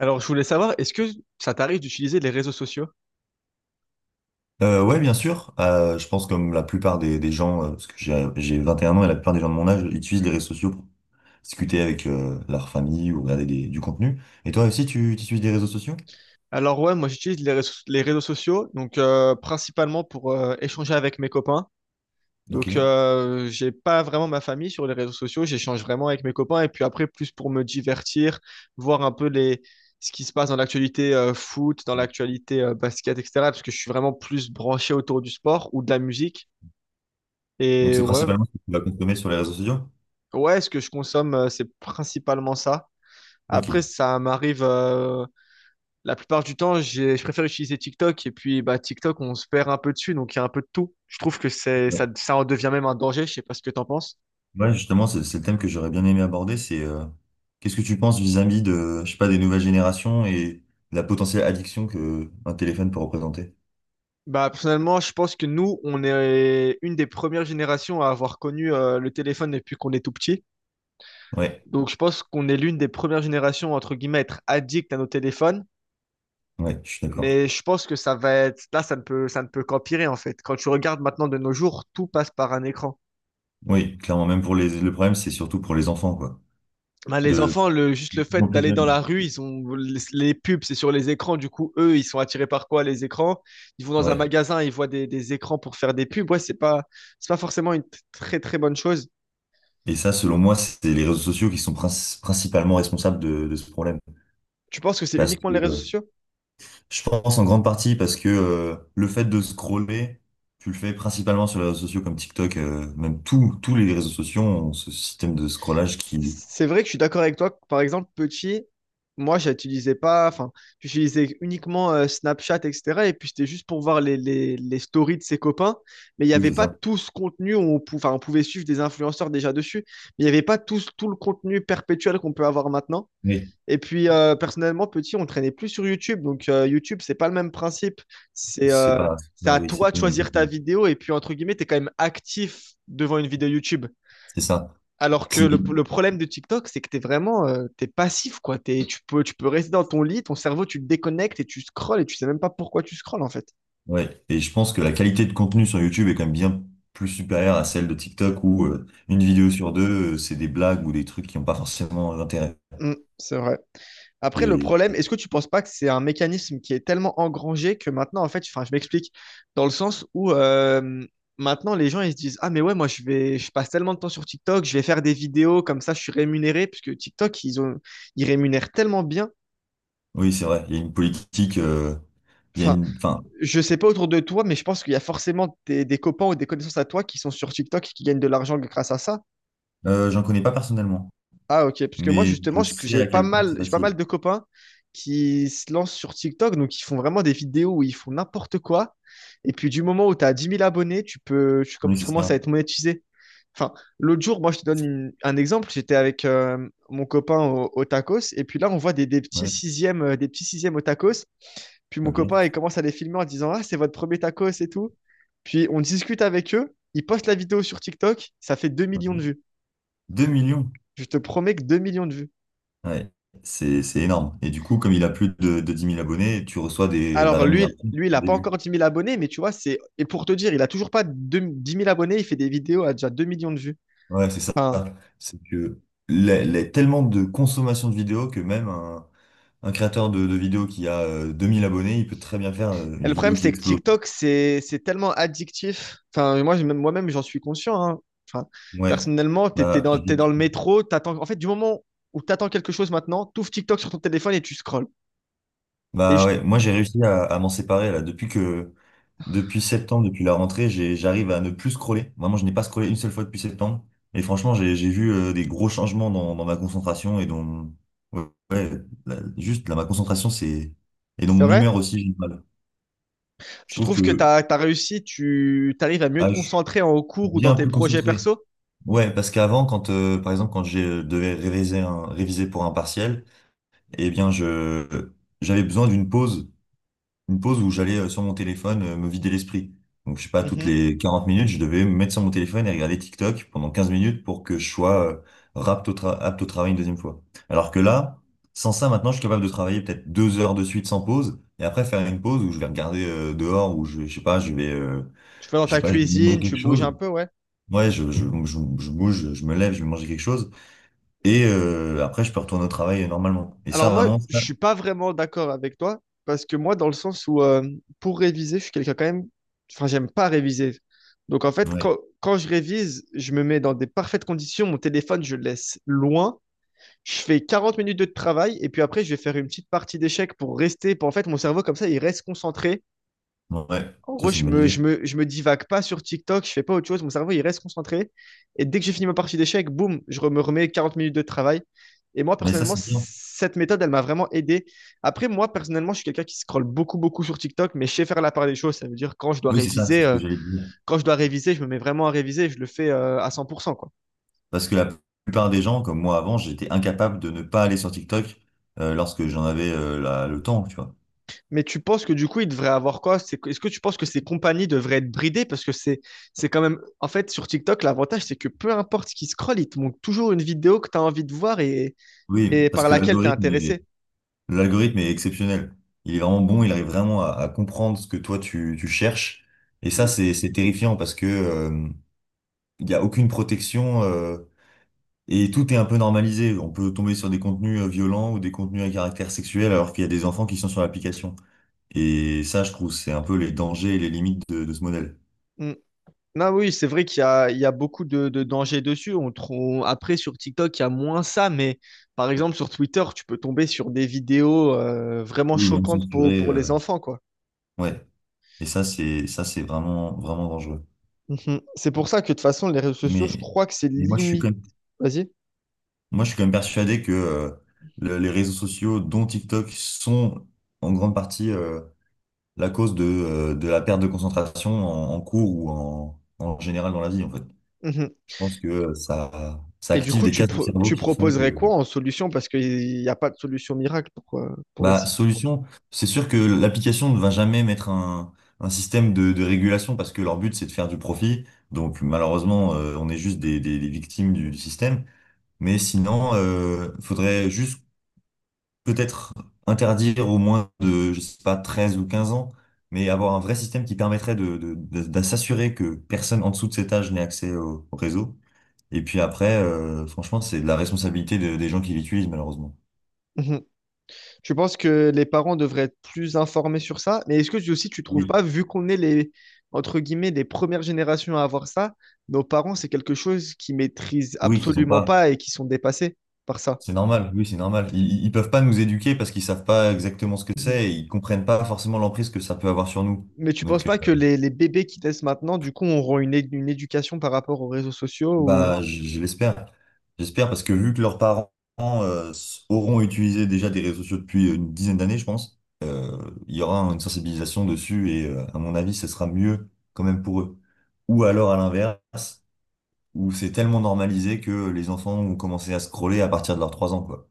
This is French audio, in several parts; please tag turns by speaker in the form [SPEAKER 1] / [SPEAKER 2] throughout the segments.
[SPEAKER 1] Alors, je voulais savoir, est-ce que ça t'arrive d'utiliser les réseaux sociaux?
[SPEAKER 2] Ouais, bien sûr. Je pense comme la plupart des gens, parce que j'ai 21 ans et la plupart des gens de mon âge utilisent les réseaux sociaux pour discuter avec leur famille ou regarder du contenu. Et toi aussi, tu utilises des réseaux sociaux?
[SPEAKER 1] Alors ouais, moi j'utilise les réseaux sociaux, donc principalement pour échanger avec mes copains.
[SPEAKER 2] Ok.
[SPEAKER 1] Donc, j'ai pas vraiment ma famille sur les réseaux sociaux. J'échange vraiment avec mes copains. Et puis après, plus pour me divertir, voir un peu ce qui se passe dans l'actualité, foot, dans l'actualité, basket, etc. Parce que je suis vraiment plus branché autour du sport ou de la musique.
[SPEAKER 2] Donc
[SPEAKER 1] Et
[SPEAKER 2] c'est
[SPEAKER 1] ouais,
[SPEAKER 2] principalement ce que tu vas consommer sur les réseaux sociaux?
[SPEAKER 1] ouais, ce que je consomme, c'est principalement ça.
[SPEAKER 2] Ok.
[SPEAKER 1] Après, ça m'arrive, la plupart du temps, je préfère utiliser TikTok. Et puis, bah, TikTok, on se perd un peu dessus. Donc, il y a un peu de tout. Je trouve que c'est ça,
[SPEAKER 2] Ouais,
[SPEAKER 1] ça en devient même un danger. Je sais pas ce que t'en penses.
[SPEAKER 2] ouais, justement, c'est le thème que j'aurais bien aimé aborder, c'est qu'est-ce que tu penses vis-à-vis de, je sais pas, des nouvelles générations et de la potentielle addiction que un téléphone peut représenter?
[SPEAKER 1] Bah, personnellement, je pense que nous, on est une des premières générations à avoir connu, le téléphone depuis qu'on est tout petit.
[SPEAKER 2] Ouais,
[SPEAKER 1] Donc, je pense qu'on est l'une des premières générations, entre guillemets, à être addict à nos téléphones.
[SPEAKER 2] ouais, je suis d'accord.
[SPEAKER 1] Mais je pense que ça va être, là, ça ne peut qu'empirer, en fait. Quand tu regardes maintenant de nos jours, tout passe par un écran.
[SPEAKER 2] Oui, clairement, même pour le problème, c'est surtout pour les enfants, quoi.
[SPEAKER 1] Bah, les
[SPEAKER 2] De
[SPEAKER 1] enfants, juste le
[SPEAKER 2] plus en
[SPEAKER 1] fait
[SPEAKER 2] plus
[SPEAKER 1] d'aller dans
[SPEAKER 2] jeunes.
[SPEAKER 1] la rue, ils ont, les pubs, c'est sur les écrans. Du coup, eux, ils sont attirés par quoi, les écrans? Ils vont dans un
[SPEAKER 2] Ouais.
[SPEAKER 1] magasin, ils voient des écrans pour faire des pubs. Ouais, c'est pas forcément une très, très bonne chose.
[SPEAKER 2] Et ça, selon moi, c'est les réseaux sociaux qui sont principalement responsables de ce problème.
[SPEAKER 1] Tu penses que c'est
[SPEAKER 2] Parce
[SPEAKER 1] uniquement
[SPEAKER 2] que
[SPEAKER 1] les réseaux sociaux?
[SPEAKER 2] je pense en grande partie parce que le fait de scroller, tu le fais principalement sur les réseaux sociaux comme TikTok, même tous les réseaux sociaux ont ce système de scrollage qui.
[SPEAKER 1] C'est vrai que je suis d'accord avec toi. Par exemple, petit, moi, j'utilisais pas, enfin, j'utilisais uniquement, Snapchat, etc. Et puis, c'était juste pour voir les stories de ses copains. Mais il n'y
[SPEAKER 2] Oui.
[SPEAKER 1] avait
[SPEAKER 2] C'est
[SPEAKER 1] pas
[SPEAKER 2] ça.
[SPEAKER 1] tout ce contenu. Enfin, on pouvait suivre des influenceurs déjà dessus. Mais il n'y avait pas tout, tout le contenu perpétuel qu'on peut avoir maintenant.
[SPEAKER 2] Oui.
[SPEAKER 1] Et puis, personnellement, petit, on traînait plus sur YouTube. Donc, YouTube, c'est pas le même principe. C'est
[SPEAKER 2] C'est
[SPEAKER 1] euh,
[SPEAKER 2] pas.
[SPEAKER 1] c'est
[SPEAKER 2] Voilà,
[SPEAKER 1] à
[SPEAKER 2] oui, c'est
[SPEAKER 1] toi de
[SPEAKER 2] pas même
[SPEAKER 1] choisir ta
[SPEAKER 2] compagnie.
[SPEAKER 1] vidéo. Et puis, entre guillemets, tu es quand même actif devant une vidéo YouTube.
[SPEAKER 2] C'est ça.
[SPEAKER 1] Alors que le,
[SPEAKER 2] Si.
[SPEAKER 1] le problème de TikTok, c'est que t'es passif, quoi. Tu peux rester dans ton lit, ton cerveau, tu te déconnectes et tu scrolles et tu sais même pas pourquoi tu scrolles, en fait.
[SPEAKER 2] Ouais, et je pense que la qualité de contenu sur YouTube est quand même bien plus supérieure à celle de TikTok où une vidéo sur deux, c'est des blagues ou des trucs qui n'ont pas forcément d'intérêt.
[SPEAKER 1] Mm, c'est vrai. Après, le
[SPEAKER 2] Et
[SPEAKER 1] problème,
[SPEAKER 2] et-
[SPEAKER 1] est-ce que tu penses pas que c'est un mécanisme qui est tellement engrangé que maintenant, en fait, enfin, je m'explique, dans le sens où, maintenant, les gens, ils se disent, ah, mais ouais, moi, je passe tellement de temps sur TikTok, je vais faire des vidéos, comme ça, je suis rémunéré, puisque TikTok, ils rémunèrent tellement bien.
[SPEAKER 2] oui, c'est vrai, il y a une politique, il y a
[SPEAKER 1] Enfin,
[SPEAKER 2] une, enfin,
[SPEAKER 1] je sais pas autour de toi, mais je pense qu'il y a forcément des copains ou des connaissances à toi qui sont sur TikTok et qui gagnent de l'argent grâce à ça.
[SPEAKER 2] j'en connais pas personnellement,
[SPEAKER 1] Ah, ok. Parce que moi,
[SPEAKER 2] mais
[SPEAKER 1] justement,
[SPEAKER 2] je
[SPEAKER 1] je-
[SPEAKER 2] sais
[SPEAKER 1] j'ai
[SPEAKER 2] à
[SPEAKER 1] pas
[SPEAKER 2] quel point
[SPEAKER 1] mal,
[SPEAKER 2] c'est
[SPEAKER 1] j'ai pas mal
[SPEAKER 2] facile.
[SPEAKER 1] de copains qui se lancent sur TikTok. Donc, ils font vraiment des vidéos où ils font n'importe quoi. Et puis, du moment où tu as 10 000 abonnés,
[SPEAKER 2] Oui,
[SPEAKER 1] tu
[SPEAKER 2] c'est
[SPEAKER 1] commences à
[SPEAKER 2] ça.
[SPEAKER 1] être monétisé. Enfin, l'autre jour, moi, je te donne un exemple. J'étais avec, mon copain au tacos. Et puis là, on voit des petits
[SPEAKER 2] Ouais,
[SPEAKER 1] sixièmes, euh, des petits sixièmes au tacos puis mon copain,
[SPEAKER 2] ok.
[SPEAKER 1] il commence à les filmer en disant ah, c'est votre premier tacos et tout. Puis on discute avec eux. Ils postent la vidéo sur TikTok. Ça fait 2 millions de
[SPEAKER 2] Ok.
[SPEAKER 1] vues.
[SPEAKER 2] 2 millions.
[SPEAKER 1] Je te promets que 2 millions de vues.
[SPEAKER 2] Ouais, c'est énorme. Et du coup, comme il a plus de 10 000 abonnés, tu reçois des, de la
[SPEAKER 1] Alors lui,
[SPEAKER 2] rémunération
[SPEAKER 1] lui il
[SPEAKER 2] au
[SPEAKER 1] n'a pas
[SPEAKER 2] début.
[SPEAKER 1] encore 10 000 abonnés, mais tu vois, c'est. Et pour te dire, il a toujours pas 10 000 abonnés. Il fait des vidéos à déjà 2 millions de vues.
[SPEAKER 2] Ouais, c'est ça.
[SPEAKER 1] Enfin,
[SPEAKER 2] C'est que tellement de consommation de vidéos que même un créateur de vidéos qui a 2000 abonnés, il peut très bien faire
[SPEAKER 1] et
[SPEAKER 2] une
[SPEAKER 1] le
[SPEAKER 2] vidéo
[SPEAKER 1] problème,
[SPEAKER 2] qui
[SPEAKER 1] c'est que
[SPEAKER 2] explose.
[SPEAKER 1] TikTok, c'est tellement addictif. Enfin, moi, moi-même, j'en suis conscient, hein. Enfin,
[SPEAKER 2] Ouais.
[SPEAKER 1] personnellement,
[SPEAKER 2] Bah,
[SPEAKER 1] t'es dans
[SPEAKER 2] j'y-
[SPEAKER 1] le métro. En fait, du moment où tu attends quelque chose maintenant, tu ouvres TikTok sur ton téléphone et tu scrolls. Et
[SPEAKER 2] Bah
[SPEAKER 1] je-
[SPEAKER 2] ouais, moi j'ai réussi à m'en séparer là. Depuis septembre, depuis la rentrée, j'arrive à ne plus scroller. Vraiment, je n'ai pas scrollé une seule fois depuis septembre. Et franchement, j'ai vu des gros changements dans ma concentration et dans ouais, ouais, juste là, ma concentration, c'est et dans
[SPEAKER 1] c'est
[SPEAKER 2] mon
[SPEAKER 1] vrai?
[SPEAKER 2] humeur aussi, j'ai du mal. Je
[SPEAKER 1] Tu
[SPEAKER 2] trouve
[SPEAKER 1] trouves que
[SPEAKER 2] que
[SPEAKER 1] tu arrives à mieux
[SPEAKER 2] ah,
[SPEAKER 1] te concentrer en cours ou dans
[SPEAKER 2] bien
[SPEAKER 1] tes
[SPEAKER 2] plus
[SPEAKER 1] projets
[SPEAKER 2] concentré.
[SPEAKER 1] perso?
[SPEAKER 2] Ouais, parce qu'avant, quand par exemple quand je devais réviser pour un partiel, eh bien je j'avais besoin d'une pause, une pause où j'allais sur mon téléphone me vider l'esprit. Donc je sais pas, toutes
[SPEAKER 1] Mhm.
[SPEAKER 2] les 40 minutes, je devais me mettre sur mon téléphone et regarder TikTok pendant 15 minutes pour que je sois apte au travail une deuxième fois. Alors que là, sans ça, maintenant, je suis capable de travailler peut-être 2 heures de suite sans pause et après faire une pause où je vais regarder dehors, où je sais pas, je vais
[SPEAKER 1] Tu fais dans
[SPEAKER 2] je sais
[SPEAKER 1] ta
[SPEAKER 2] pas, je vais manger
[SPEAKER 1] cuisine, tu
[SPEAKER 2] quelque
[SPEAKER 1] bouges un
[SPEAKER 2] chose.
[SPEAKER 1] peu, ouais.
[SPEAKER 2] Ouais, donc je bouge, je me lève, je vais manger quelque chose. Et après, je peux retourner au travail normalement. Et
[SPEAKER 1] Alors
[SPEAKER 2] ça,
[SPEAKER 1] moi,
[SPEAKER 2] vraiment,
[SPEAKER 1] je
[SPEAKER 2] ça,
[SPEAKER 1] suis pas vraiment d'accord avec toi parce que moi, dans le sens où, pour réviser, je suis quelqu'un quand même. Enfin, j'aime pas réviser. Donc en fait,
[SPEAKER 2] ouais,
[SPEAKER 1] quand je révise, je me mets dans des parfaites conditions. Mon téléphone, je le laisse loin. Je fais 40 minutes de travail et puis après, je vais faire une petite partie d'échecs pour rester. Pour, en fait, mon cerveau comme ça, il reste concentré.
[SPEAKER 2] ouais,
[SPEAKER 1] En
[SPEAKER 2] ça,
[SPEAKER 1] gros,
[SPEAKER 2] c'est une
[SPEAKER 1] je
[SPEAKER 2] bonne
[SPEAKER 1] me, je
[SPEAKER 2] idée.
[SPEAKER 1] me, je me divague pas sur TikTok, je fais pas autre chose, mon cerveau il reste concentré. Et dès que j'ai fini ma partie d'échecs, boum, me remets 40 minutes de travail. Et moi,
[SPEAKER 2] Mais ça,
[SPEAKER 1] personnellement,
[SPEAKER 2] c'est bien.
[SPEAKER 1] cette méthode, elle m'a vraiment aidé. Après, moi, personnellement, je suis quelqu'un qui scrolle beaucoup, beaucoup sur TikTok, mais je sais faire la part des choses. Ça veut dire
[SPEAKER 2] Oui, c'est ça, c'est ce que j'allais te dire.
[SPEAKER 1] quand je dois réviser, je me mets vraiment à réviser, je le fais, à 100%, quoi.
[SPEAKER 2] Parce que la plupart des gens, comme moi avant, j'étais incapable de ne pas aller sur TikTok lorsque j'en avais le temps, tu vois.
[SPEAKER 1] Mais tu penses que du coup, il devrait avoir quoi? Est-ce que tu penses que ces compagnies devraient être bridées? Parce que c'est quand même. En fait, sur TikTok, l'avantage, c'est que peu importe ce qui scrolle, il te montre toujours une vidéo que tu as envie de voir, et,
[SPEAKER 2] Oui,
[SPEAKER 1] et
[SPEAKER 2] parce
[SPEAKER 1] par
[SPEAKER 2] que
[SPEAKER 1] laquelle tu es intéressé.
[SPEAKER 2] l'algorithme est exceptionnel. Il est vraiment bon, il arrive vraiment à comprendre ce que toi, tu cherches. Et ça,
[SPEAKER 1] Mm,
[SPEAKER 2] c'est terrifiant parce que il n'y a aucune protection. Et tout est un peu normalisé. On peut tomber sur des contenus violents ou des contenus à caractère sexuel alors qu'il y a des enfants qui sont sur l'application. Et ça, je trouve, c'est un peu les dangers et les limites de ce modèle.
[SPEAKER 1] mm. Non, oui, c'est vrai qu'il y a beaucoup de dangers dessus. Après, sur TikTok, il y a moins ça, mais par exemple, sur Twitter, tu peux tomber sur des vidéos, vraiment
[SPEAKER 2] Oui, non
[SPEAKER 1] choquantes pour,
[SPEAKER 2] censuré,
[SPEAKER 1] pour les enfants, quoi.
[SPEAKER 2] ouais. Et ça, c'est vraiment vraiment dangereux.
[SPEAKER 1] Mhm. C'est pour ça que de toute façon, les réseaux sociaux, je
[SPEAKER 2] Mais,
[SPEAKER 1] crois que c'est
[SPEAKER 2] mais moi, je suis
[SPEAKER 1] limite.
[SPEAKER 2] quand même,
[SPEAKER 1] Vas-y.
[SPEAKER 2] moi, je suis quand même persuadé que les réseaux sociaux, dont TikTok, sont en grande partie la cause de la perte de concentration en cours ou en général dans la vie, en fait.
[SPEAKER 1] Mhm.
[SPEAKER 2] Je pense que ça
[SPEAKER 1] Et du
[SPEAKER 2] active
[SPEAKER 1] coup,
[SPEAKER 2] des cases du cerveau
[SPEAKER 1] tu
[SPEAKER 2] qui font
[SPEAKER 1] proposerais
[SPEAKER 2] que,
[SPEAKER 1] quoi en solution? Parce qu'il n'y a pas de solution miracle pour
[SPEAKER 2] bah,
[SPEAKER 1] essayer.
[SPEAKER 2] solution, c'est sûr que l'application ne va jamais mettre un système de régulation parce que leur but, c'est de faire du profit. Donc, malheureusement, on est juste des victimes du système. Mais sinon, faudrait juste peut-être interdire au moins de, je sais pas, 13 ou 15 ans, mais avoir un vrai système qui permettrait de s'assurer que personne en dessous de cet âge n'ait accès au réseau. Et puis après, franchement, c'est de la responsabilité des gens qui l'utilisent, malheureusement.
[SPEAKER 1] Mhm. Tu penses que les parents devraient être plus informés sur ça? Mais est-ce que aussi tu trouves
[SPEAKER 2] Oui.
[SPEAKER 1] pas, vu qu'on est les, entre guillemets, les premières générations à avoir ça, nos parents, c'est quelque chose qu'ils maîtrisent
[SPEAKER 2] Oui, qu'ils n'ont
[SPEAKER 1] absolument
[SPEAKER 2] pas.
[SPEAKER 1] pas et qui sont dépassés par ça.
[SPEAKER 2] C'est normal, oui, c'est normal. Ils peuvent pas nous éduquer parce qu'ils savent pas exactement ce que
[SPEAKER 1] Mhm.
[SPEAKER 2] c'est et ils comprennent pas forcément l'emprise que ça peut avoir sur nous.
[SPEAKER 1] Mais tu penses
[SPEAKER 2] Donc,
[SPEAKER 1] pas que les bébés qui naissent maintenant, du coup, auront une éducation par rapport aux réseaux sociaux ou...
[SPEAKER 2] bah, je l'espère. J'espère parce que vu que leurs parents auront utilisé déjà des réseaux sociaux depuis une dizaine d'années, je pense, il y aura une sensibilisation dessus et à mon avis, ce sera mieux quand même pour eux. Ou alors à l'inverse. Où c'est tellement normalisé que les enfants ont commencé à scroller à partir de leurs 3 ans, quoi.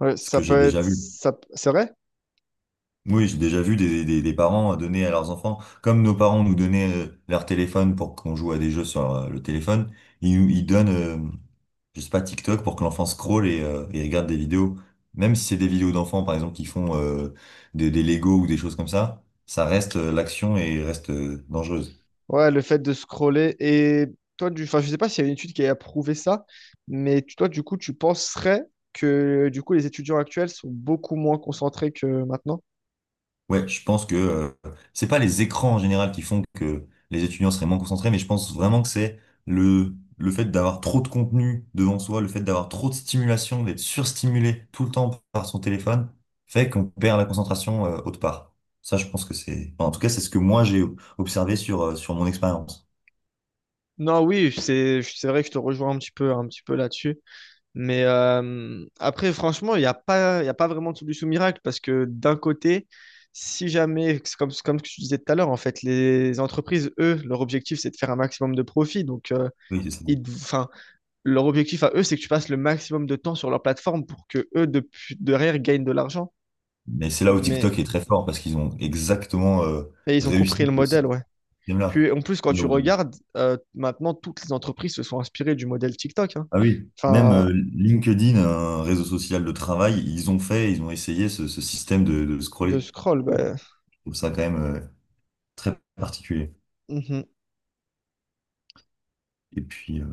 [SPEAKER 1] Ouais,
[SPEAKER 2] Ce
[SPEAKER 1] ça
[SPEAKER 2] que j'ai
[SPEAKER 1] peut être...
[SPEAKER 2] déjà vu.
[SPEAKER 1] C'est vrai?
[SPEAKER 2] Oui, j'ai déjà vu des parents donner à leurs enfants, comme nos parents nous donnaient leur téléphone pour qu'on joue à des jeux sur le téléphone, ils donnent, je sais pas, TikTok pour que l'enfant scrolle et regarde des vidéos. Même si c'est des vidéos d'enfants, par exemple, qui font des Lego ou des choses comme ça reste, l'action et reste dangereuse.
[SPEAKER 1] Ouais, le fait de scroller. Et toi, enfin, je sais pas s'il y a une étude qui a prouvé ça, mais toi, du coup, tu penserais que du coup, les étudiants actuels sont beaucoup moins concentrés que maintenant?
[SPEAKER 2] Ouais, je pense que c'est pas les écrans en général qui font que les étudiants seraient moins concentrés, mais je pense vraiment que c'est le fait d'avoir trop de contenu devant soi, le fait d'avoir trop de stimulation, d'être surstimulé tout le temps par son téléphone, fait qu'on perd la concentration autre part. Ça, je pense que c'est, enfin, en tout cas, c'est ce que moi j'ai observé sur sur mon expérience.
[SPEAKER 1] Non, oui, c'est vrai que je te rejoins un petit peu là-dessus. Mais après, franchement, il y a pas vraiment de solution miracle parce que d'un côté, si jamais, c'est comme ce que tu disais tout à l'heure, en fait, les entreprises, eux, leur objectif, c'est de faire un maximum de profit. Donc,
[SPEAKER 2] Oui, c'est ça.
[SPEAKER 1] enfin, leur objectif à eux, c'est que tu passes le maximum de temps sur leur plateforme pour que eux, depuis, derrière, gagnent de l'argent.
[SPEAKER 2] Mais c'est là où
[SPEAKER 1] Mais,
[SPEAKER 2] TikTok est très fort parce qu'ils ont exactement
[SPEAKER 1] mais ils ont compris
[SPEAKER 2] réussi
[SPEAKER 1] le
[SPEAKER 2] de ce
[SPEAKER 1] modèle, ouais.
[SPEAKER 2] système-là.
[SPEAKER 1] Puis en plus, quand tu regardes, maintenant, toutes les entreprises se sont inspirées du modèle TikTok, hein.
[SPEAKER 2] Ah oui, même
[SPEAKER 1] Enfin,
[SPEAKER 2] LinkedIn, un réseau social de travail, ils ont fait, ils ont essayé ce système de
[SPEAKER 1] de
[SPEAKER 2] scroller.
[SPEAKER 1] scroll,
[SPEAKER 2] Je
[SPEAKER 1] bah,
[SPEAKER 2] trouve ça quand même très particulier.
[SPEAKER 1] mhm.
[SPEAKER 2] Et puis,